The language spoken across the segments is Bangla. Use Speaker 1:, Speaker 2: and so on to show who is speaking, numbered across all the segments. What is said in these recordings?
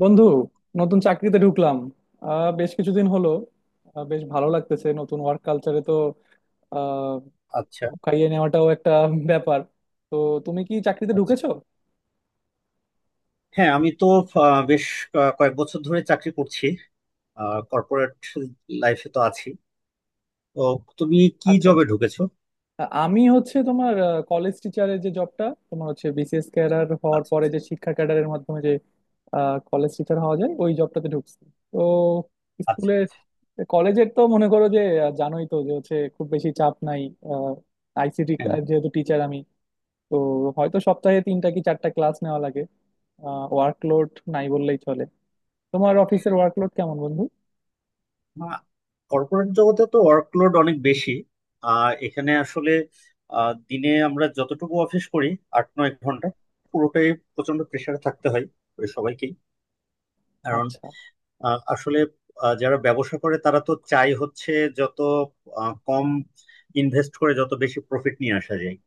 Speaker 1: বন্ধু, নতুন চাকরিতে ঢুকলাম। বেশ কিছুদিন হলো। বেশ ভালো লাগতেছে নতুন ওয়ার্ক কালচারে। তো আহ
Speaker 2: আচ্ছা
Speaker 1: খাইয়ে নেওয়াটাও একটা ব্যাপার। তো তুমি কি চাকরিতে
Speaker 2: আচ্ছা।
Speaker 1: ঢুকেছো?
Speaker 2: হ্যাঁ, আমি তো আহ, বেশ কয়েক বছর ধরে চাকরি করছি, কর্পোরেট লাইফে তো আছি। তো তুমি কি
Speaker 1: আচ্ছা,
Speaker 2: জবে
Speaker 1: আচ্ছা।
Speaker 2: ঢুকেছো?
Speaker 1: আমি হচ্ছে তোমার কলেজ টিচারের যে জবটা, তোমার হচ্ছে বিসিএস ক্যাডার হওয়ার
Speaker 2: আচ্ছা
Speaker 1: পরে যে শিক্ষা ক্যাডারের মাধ্যমে যে কলেজ টিচার হওয়া যায়, ওই জবটাতে ঢুকছি। তো স্কুলের,
Speaker 2: আচ্ছা।
Speaker 1: কলেজের তো মনে করো যে জানোই তো যে হচ্ছে খুব বেশি চাপ নাই। আইসিটি
Speaker 2: হ্যাঁ,
Speaker 1: যেহেতু টিচার আমি, তো হয়তো সপ্তাহে তিনটা কি চারটা ক্লাস নেওয়া লাগে। ওয়ার্কলোড নাই বললেই চলে। তোমার অফিসের ওয়ার্কলোড কেমন, বন্ধু?
Speaker 2: কর্পোরেট জগতে তো ওয়ার্কলোড অনেক বেশি। এখানে আসলে দিনে আমরা যতটুকু অফিস করি, 8-9 ঘন্টা পুরোটাই প্রচন্ড প্রেশারে থাকতে হয় ওই সবাইকেই। কারণ
Speaker 1: আচ্ছা।
Speaker 2: আসলে যারা ব্যবসা করে তারা তো চাই হচ্ছে যত কম ইনভেস্ট করে যত বেশি প্রফিট নিয়ে আসা যায়।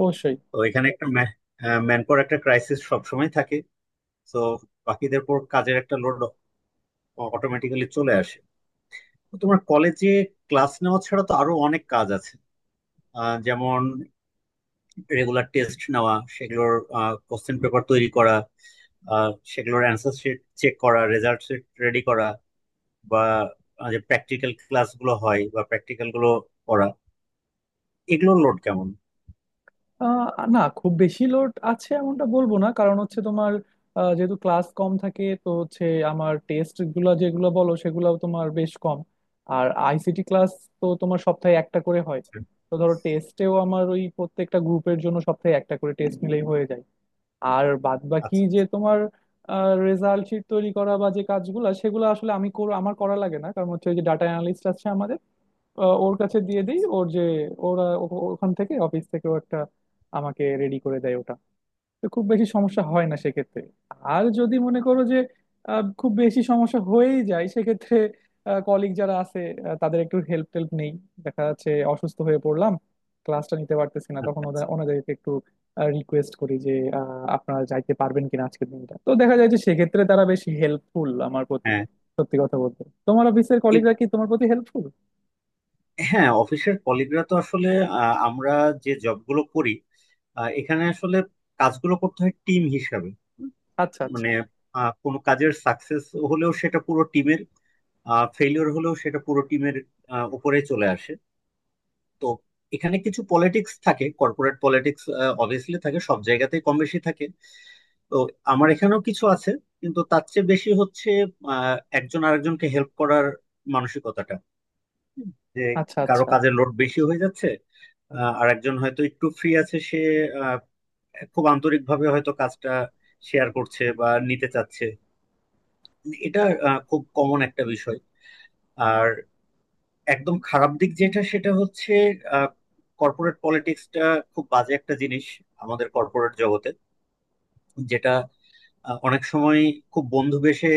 Speaker 1: অবশ্যই।
Speaker 2: তো এখানে একটা ম্যান পাওয়ার একটা ক্রাইসিস সবসময় থাকে। তো বাকিদের পর কাজের একটা লোড অটোমেটিক্যালি চলে আসে। তো তোমার কলেজে ক্লাস নেওয়া ছাড়া তো আরো অনেক কাজ আছে, যেমন রেগুলার টেস্ট নেওয়া, সেগুলোর কোশ্চেন পেপার তৈরি করা, আহ, সেগুলোর অ্যান্সার শিট চেক করা, রেজাল্ট শিট রেডি করা, বা যে প্র্যাকটিক্যাল ক্লাসগুলো হয় বা প্র্যাকটিক্যাল গুলো করা। এগুলোর লোড কেমন?
Speaker 1: আহ, না, খুব বেশি লোড আছে এমনটা বলবো না, কারণ হচ্ছে তোমার যেহেতু ক্লাস কম থাকে, তো হচ্ছে আমার টেস্ট গুলো যেগুলো বলো সেগুলোও তোমার বেশ কম। আর আইসিটি ক্লাস তো তোমার সপ্তাহে একটা করে হয়। তো ধরো টেস্টেও আমার ওই প্রত্যেকটা গ্রুপের জন্য সপ্তাহে একটা করে টেস্ট নিলেই হয়ে যায়। আর বাদ বাকি যে
Speaker 2: আচ্ছা
Speaker 1: তোমার রেজাল্ট শিট তৈরি করা বা যে কাজগুলো, সেগুলো আসলে আমি আমার করা লাগে না, কারণ হচ্ছে ওই যে ডাটা অ্যানালিস্ট আছে আমাদের, ওর কাছে দিয়ে দিই। ওর যে ওরা ওখান থেকে, অফিস থেকে ও একটা আমাকে রেডি করে দেয় ওটা। তো খুব বেশি সমস্যা হয় না সেক্ষেত্রে। আর যদি মনে করো যে খুব বেশি সমস্যা হয়েই যায় সেক্ষেত্রে কলিগ যারা আছে, তাদের একটু হেল্প টেল্প নেই। দেখা যাচ্ছে অসুস্থ হয়ে পড়লাম, ক্লাসটা নিতে পারতেছি না, তখন
Speaker 2: আচ্ছা।
Speaker 1: ওদের,
Speaker 2: আচ্ছা।
Speaker 1: ওনাদেরকে একটু রিকোয়েস্ট করি যে আপনারা যাইতে পারবেন কিনা আজকের দিনটা। তো দেখা যায় যে সেক্ষেত্রে তারা বেশ হেল্পফুল আমার প্রতি,
Speaker 2: হ্যাঁ।
Speaker 1: সত্যি কথা বলতে। তোমার অফিসের
Speaker 2: এ-
Speaker 1: কলিগরা কি তোমার প্রতি হেল্পফুল?
Speaker 2: হ্যাঁ, অফিসের কলিগরা তো আসলে, আমরা যে জবগুলো করি, এখানে আসলে কাজগুলো করতে হয় টিম হিসাবে।
Speaker 1: আচ্ছা, আচ্ছা,
Speaker 2: মানে কোনো কাজের সাকসেস হলেও সেটা পুরো টিমের, ফেলিওর হলেও সেটা পুরো টিমের উপরে চলে আসে। তো এখানে কিছু পলিটিক্স থাকে, কর্পোরেট পলিটিক্স অবভিয়াসলি থাকে সব জায়গাতেই কম বেশি থাকে। তো আমার এখানেও কিছু আছে, কিন্তু তার চেয়ে বেশি হচ্ছে একজন আরেকজনকে হেল্প করার মানসিকতাটা। হুম। যে
Speaker 1: আচ্ছা,
Speaker 2: কারো
Speaker 1: আচ্ছা,
Speaker 2: কাজের লোড বেশি হয়ে যাচ্ছে, আর একজন হয়তো একটু ফ্রি আছে, সে আহ, খুব আন্তরিকভাবে হয়তো কাজটা শেয়ার করছে বা নিতে চাচ্ছে। এটা খুব কমন একটা বিষয়। আর একদম খারাপ দিক যেটা সেটা হচ্ছে কর্পোরেট পলিটিক্সটা, খুব বাজে একটা জিনিস আমাদের কর্পোরেট জগতে, যেটা অনেক সময় খুব বন্ধু বেশে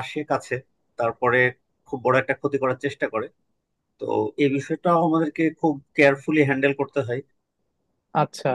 Speaker 2: আসে কাছে, তারপরে খুব বড় একটা ক্ষতি করার চেষ্টা করে। তো এই বিষয়টা আমাদেরকে খুব কেয়ারফুলি হ্যান্ডেল করতে হয়।
Speaker 1: আচ্ছা।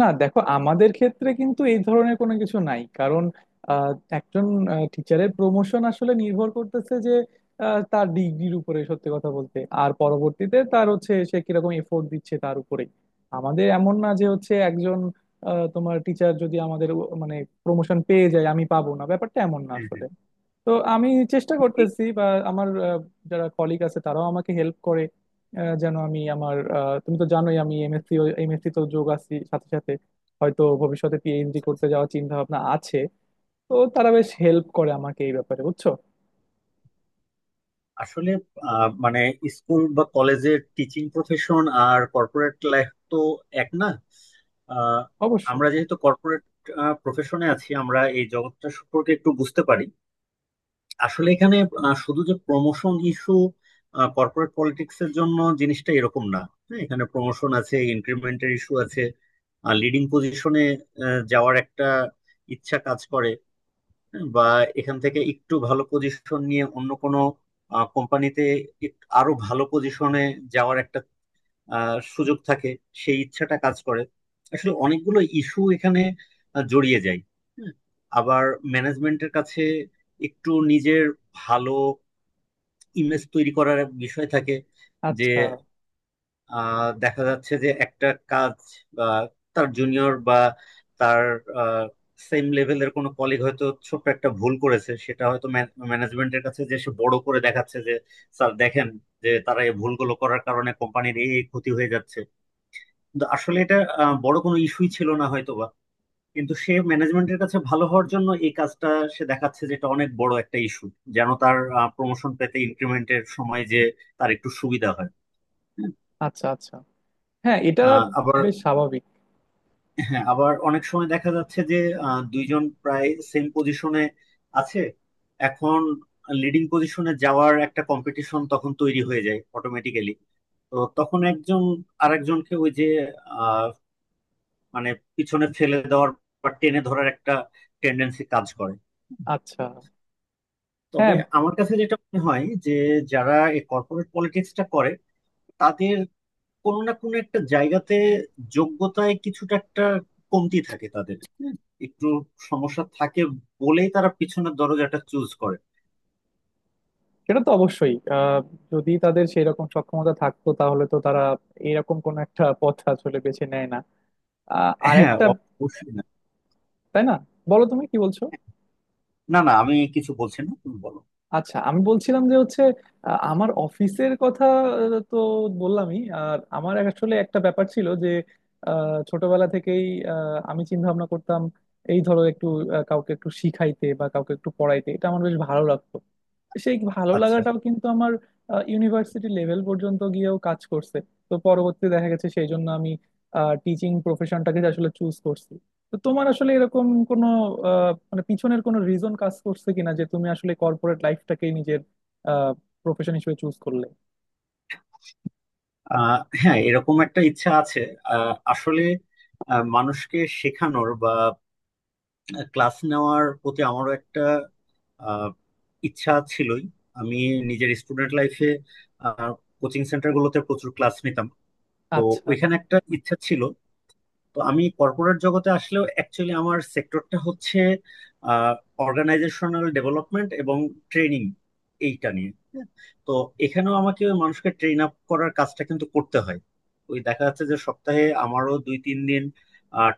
Speaker 1: না দেখো, আমাদের ক্ষেত্রে কিন্তু এই ধরনের কোনো কিছু নাই, কারণ আহ, একজন টিচারের প্রমোশন আসলে নির্ভর করতেছে যে তার ডিগ্রির উপরে, সত্যি কথা বলতে, আর পরবর্তীতে তার হচ্ছে সে কিরকম এফোর্ট দিচ্ছে তার উপরে। আমাদের এমন না যে হচ্ছে একজন, তোমার টিচার যদি আমাদের মানে প্রমোশন পেয়ে যায়, আমি পাবো না, ব্যাপারটা এমন না
Speaker 2: হুম
Speaker 1: আসলে।
Speaker 2: হুম।
Speaker 1: তো আমি চেষ্টা
Speaker 2: এ-
Speaker 1: করতেছি বা আমার যারা কলিগ আছে তারাও আমাকে হেল্প করে যেন আমি আমার, তুমি তো জানোই আমি এমএসসি এমএসসি তো যোগ আছি সাথে সাথে, হয়তো ভবিষ্যতে পিএইচডি করতে যাওয়ার চিন্তা ভাবনা আছে। তো তারা বেশ হেল্প করে আমাকে এই ব্যাপারে, বুঝছো?
Speaker 2: আসলে মানে স্কুল বা কলেজের টিচিং প্রফেশন আর কর্পোরেট লাইফ তো এক না। আহ,
Speaker 1: অবশ্যই।
Speaker 2: আমরা যেহেতু কর্পোরেট প্রফেশনে আছি, আমরা এই জগৎটা সম্পর্কে একটু বুঝতে পারি। আসলে এখানে শুধু যে প্রমোশন ইস্যু, কর্পোরেট পলিটিক্স এর জন্য জিনিসটা এরকম না। হ্যাঁ, এখানে প্রমোশন আছে, ইনক্রিমেন্টের ইস্যু আছে, আর লিডিং পজিশনে যাওয়ার একটা ইচ্ছা কাজ করে। হ্যাঁ, বা এখান থেকে একটু ভালো পজিশন নিয়ে অন্য কোনো কোম্পানিতে আরো ভালো পজিশনে যাওয়ার একটা সুযোগ থাকে, সেই ইচ্ছাটা কাজ করে। আসলে অনেকগুলো ইস্যু এখানে জড়িয়ে যায়। হ্যাঁ, আবার ম্যানেজমেন্টের কাছে একটু নিজের ভালো ইমেজ তৈরি করার এক বিষয় থাকে। যে
Speaker 1: আচ্ছা,
Speaker 2: দেখা যাচ্ছে যে একটা কাজ, বা তার জুনিয়র বা তার সেম লেভেলের কোনো কলিগ হয়তো ছোট্ট একটা ভুল করেছে, সেটা হয়তো ম্যানেজমেন্টের কাছে যে সে বড় করে দেখাচ্ছে যে স্যার দেখেন যে তারা এই ভুলগুলো করার কারণে কোম্পানির এই এই ক্ষতি হয়ে যাচ্ছে। কিন্তু আসলে এটা বড় কোনো ইস্যুই ছিল না হয়তোবা, কিন্তু সে ম্যানেজমেন্টের কাছে ভালো হওয়ার জন্য এই কাজটা সে দেখাচ্ছে যে এটা অনেক বড় একটা ইস্যু, যেন তার প্রমোশন পেতে ইনক্রিমেন্টের সময় যে তার একটু সুবিধা হয়।
Speaker 1: আচ্ছা, আচ্ছা। হ্যাঁ, এটা
Speaker 2: আহ, আবার
Speaker 1: বেশ স্বাভাবিক।
Speaker 2: হ্যাঁ, আবার অনেক সময় দেখা যাচ্ছে যে দুইজন প্রায় সেম পজিশনে আছে। এখন লিডিং পজিশনে যাওয়ার একটা কম্পিটিশন তখন তৈরি হয়ে যায় অটোমেটিক্যালি। তো তখন একজন আরেকজনকে ওই যে মানে পিছনে ফেলে দেওয়ার বা টেনে ধরার একটা টেন্ডেন্সি কাজ করে।
Speaker 1: আচ্ছা।
Speaker 2: তবে
Speaker 1: হ্যাঁ,
Speaker 2: আমার কাছে যেটা মনে হয় যে, যারা এই কর্পোরেট পলিটিক্সটা করে তাদের কোনো না কোনো একটা জায়গাতে যোগ্যতায় কিছুটা একটা কমতি থাকে, তাদের একটু সমস্যা থাকে বলেই তারা পিছনের দরজাটা চুজ করে।
Speaker 1: সেটা তো অবশ্যই। যদি তাদের সেই রকম সক্ষমতা থাকতো তাহলে তো তারা এরকম কোন একটা পথ আসলে বেছে নেয় না।
Speaker 2: হ্যাঁ
Speaker 1: আরেকটা,
Speaker 2: অবশ্যই না।
Speaker 1: তাই না? বলো, তুমি কি বলছো?
Speaker 2: না, আমি কিছু বলছি না, তুমি বলো।
Speaker 1: আচ্ছা, আমি বলছিলাম যে হচ্ছে আমার অফিসের কথা। তো বললামই। আর আমার আসলে একটা ব্যাপার ছিল যে ছোটবেলা থেকেই আমি চিন্তা ভাবনা করতাম এই ধরো একটু, কাউকে একটু শিখাইতে বা কাউকে একটু পড়াইতে, এটা আমার বেশ ভালো লাগতো। সেই ভালো
Speaker 2: আচ্ছা।
Speaker 1: লাগাটাও কিন্তু আমার ইউনিভার্সিটি লেভেল পর্যন্ত গিয়েও কাজ করছে। তো পরবর্তী দেখা গেছে সেই জন্য আমি টিচিং প্রফেশনটাকে আসলে চুজ করছি। তো তোমার আসলে এরকম কোনো, মানে পিছনের কোনো রিজন কাজ করছে কিনা যে তুমি আসলে কর্পোরেট লাইফটাকেই নিজের প্রফেশন হিসেবে চুজ করলে?
Speaker 2: আহ, হ্যাঁ, এরকম একটা ইচ্ছা আছে। আসলে মানুষকে শেখানোর বা ক্লাস নেওয়ার প্রতি আমারও একটা আহ, ইচ্ছা ছিলই। আমি নিজের স্টুডেন্ট লাইফে কোচিং সেন্টার গুলোতে প্রচুর ক্লাস নিতাম। তো
Speaker 1: আচ্ছা,
Speaker 2: ওইখানে একটা ইচ্ছা ছিল। তো আমি কর্পোরেট জগতে আসলেও অ্যাকচুয়ালি আমার সেক্টরটা হচ্ছে অর্গানাইজেশনাল ডেভেলপমেন্ট এবং ট্রেনিং, এইটা নিয়ে। হ্যাঁ, তো এখানেও আমাকে ওই মানুষকে ট্রেন আপ করার কাজটা কিন্তু করতে হয়। ওই দেখা যাচ্ছে যে সপ্তাহে আমারও 2-3 দিন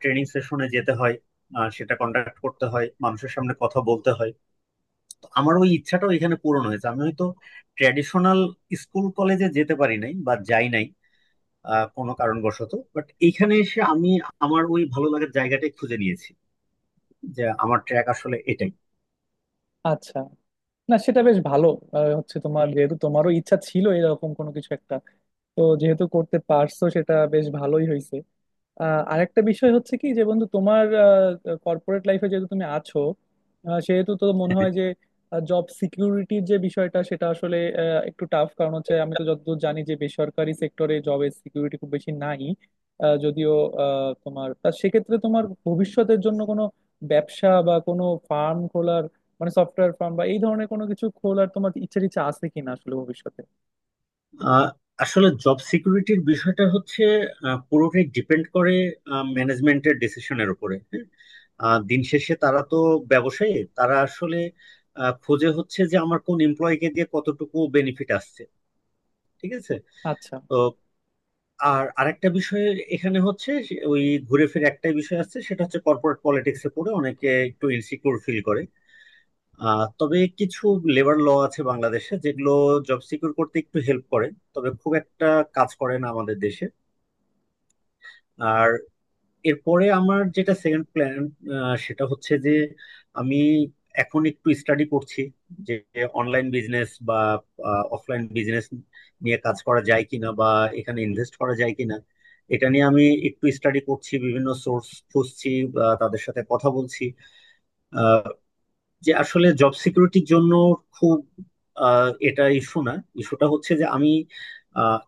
Speaker 2: ট্রেনিং সেশনে যেতে হয়, সেটা কন্ডাক্ট করতে হয়, মানুষের সামনে কথা বলতে হয়। তো আমার ওই ইচ্ছাটাও এখানে পূরণ হয়েছে। আমি হয়তো ট্র্যাডিশনাল স্কুল কলেজে যেতে পারি নাই বা যাই নাই আহ কোনো কারণবশত, বাট এইখানে এসে আমি আমার ওই ভালো লাগার জায়গাটাই খুঁজে নিয়েছি, যে আমার ট্র্যাক আসলে এটাই।
Speaker 1: আচ্ছা। না, সেটা বেশ ভালো। হচ্ছে তোমার যেহেতু তোমারও ইচ্ছা ছিল এরকম কোনো কিছু একটা, তো যেহেতু করতে পারছো, সেটা বেশ ভালোই হয়েছে। আরেকটা বিষয় হচ্ছে কি যে বন্ধু, তোমার কর্পোরেট লাইফে যেহেতু তুমি আছো, সেহেতু তো মনে হয় যে জব সিকিউরিটির যে বিষয়টা সেটা আসলে একটু টাফ, কারণ হচ্ছে আমি তো যতদূর জানি যে বেসরকারি সেক্টরে জবের সিকিউরিটি খুব বেশি নাই। যদিও তোমার তা সেক্ষেত্রে তোমার ভবিষ্যতের জন্য কোনো ব্যবসা বা কোনো ফার্ম খোলার, মানে সফটওয়্যার ফার্ম বা এই ধরনের কোনো কিছু খোলার তোমার ইচ্ছা টিচ্ছা আছে কিনা আসলে ভবিষ্যতে?
Speaker 2: আহ, আসলে জব সিকিউরিটির বিষয়টা হচ্ছে পুরোটাই ডিপেন্ড করে ম্যানেজমেন্টের ডিসিশনের উপরে। হ্যাঁ, দিন শেষে তারা তো ব্যবসায়ী, তারা আসলে খোঁজে হচ্ছে যে আমার কোন এমপ্লয়ীকে দিয়ে কতটুকু বেনিফিট আসছে ঠিক আছে।
Speaker 1: আচ্ছা,
Speaker 2: তো আর আরেকটা বিষয় এখানে হচ্ছে ওই ঘুরে ফিরে একটাই বিষয় আসছে, সেটা হচ্ছে কর্পোরেট পলিটিক্সে পড়ে অনেকে একটু ইনসিকিউর ফিল করে। আহ, তবে কিছু লেবার ল আছে বাংলাদেশে যেগুলো জব সিকিউর করতে একটু হেল্প করে, তবে খুব একটা কাজ করে না আমাদের দেশে। আর এরপরে আমার যেটা সেকেন্ড প্ল্যান, সেটা হচ্ছে যে আমি এখন একটু স্টাডি করছি যে অনলাইন বিজনেস বা অফলাইন বিজনেস নিয়ে কাজ করা যায় কিনা, বা এখানে ইনভেস্ট করা যায় কিনা। এটা নিয়ে আমি একটু স্টাডি করছি, বিভিন্ন সোর্স খুঁজছি বা তাদের সাথে কথা বলছি। যে আসলে জব সিকিউরিটির জন্য খুব এটা ইস্যু না, ইস্যুটা হচ্ছে যে আমি আহ,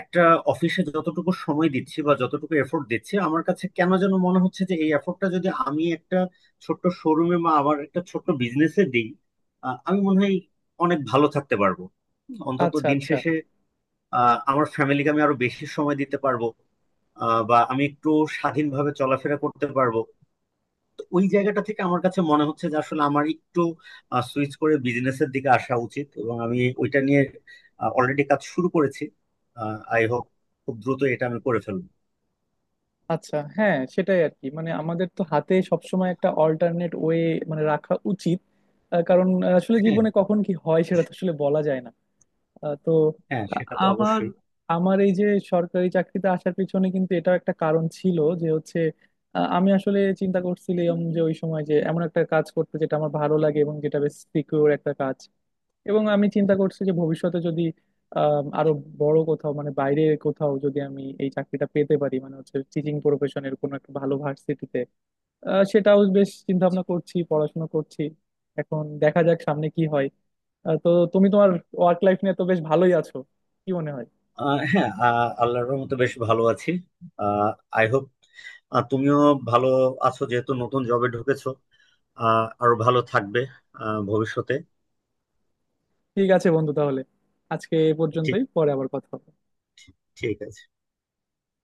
Speaker 2: একটা অফিসে যতটুকু সময় দিচ্ছি বা যতটুকু এফোর্ট দিচ্ছি, আমার কাছে কেন যেন মনে হচ্ছে যে এই এফোর্টটা যদি আমি একটা ছোট্ট শোরুমে বা আমার একটা ছোট্ট বিজনেসে দিই, আমি মনে হয় অনেক ভালো থাকতে পারবো। অন্তত
Speaker 1: আচ্ছা,
Speaker 2: দিন
Speaker 1: আচ্ছা,
Speaker 2: শেষে আমার ফ্যামিলিকে আমি আরো বেশি সময় দিতে পারবো, বা আমি একটু স্বাধীনভাবে চলাফেরা করতে পারবো। ওই জায়গাটা থেকে আমার কাছে মনে হচ্ছে যে আসলে আমার একটু সুইচ করে বিজনেসের দিকে আসা উচিত, এবং আমি ওইটা নিয়ে অলরেডি কাজ শুরু করেছি। আই হোপ খুব দ্রুত এটা আমি করে ফেলবো।
Speaker 1: আচ্ছা। হ্যাঁ, সেটাই আর কি, মানে আমাদের তো হাতে সবসময় একটা অল্টারনেট ওয়ে মানে রাখা উচিত। কারণ আসলে
Speaker 2: হ্যাঁ,
Speaker 1: জীবনে কখন কি হয় সেটা তো আসলে বলা যায় না। তো
Speaker 2: হ্যাঁ
Speaker 1: আ-
Speaker 2: সেটা তো
Speaker 1: আমার
Speaker 2: অবশ্যই।
Speaker 1: আমার এই যে সরকারি চাকরিতে আসার পিছনে কিন্তু এটাও একটা কারণ ছিল যে হচ্ছে আমি আসলে চিন্তা করছিলাম যে ওই সময় যে এমন একটা কাজ করতে যেটা আমার ভালো লাগে এবং যেটা বেশ সিকিউর একটা কাজ। এবং আমি চিন্তা করছি যে ভবিষ্যতে যদি আরো বড় কোথাও, মানে বাইরে কোথাও যদি আমি এই চাকরিটা পেতে পারি, মানে হচ্ছে টিচিং প্রফেশনের কোনো একটা ভালো ভার্সিটিতে, সেটাও বেশ চিন্তা ভাবনা করছি, পড়াশোনা করছি। এখন দেখা যাক সামনে কি হয়। তো তুমি তোমার ওয়ার্ক লাইফ নিয়ে তো বেশ ভালোই আছো, কি মনে হয়?
Speaker 2: আহ, হ্যাঁ, আহ, আল্লাহর রহমতে বেশ ভালো আছি। আই হোপ তুমিও ভালো আছো, যেহেতু নতুন জবে ঢুকেছো আহ আরো ভালো থাকবে আহ ভবিষ্যতে।
Speaker 1: ঠিক আছে বন্ধু, তাহলে আজকে এ
Speaker 2: ঠিক,
Speaker 1: পর্যন্তই, পরে আবার কথা হবে।
Speaker 2: ঠিক, ঠিক আছে।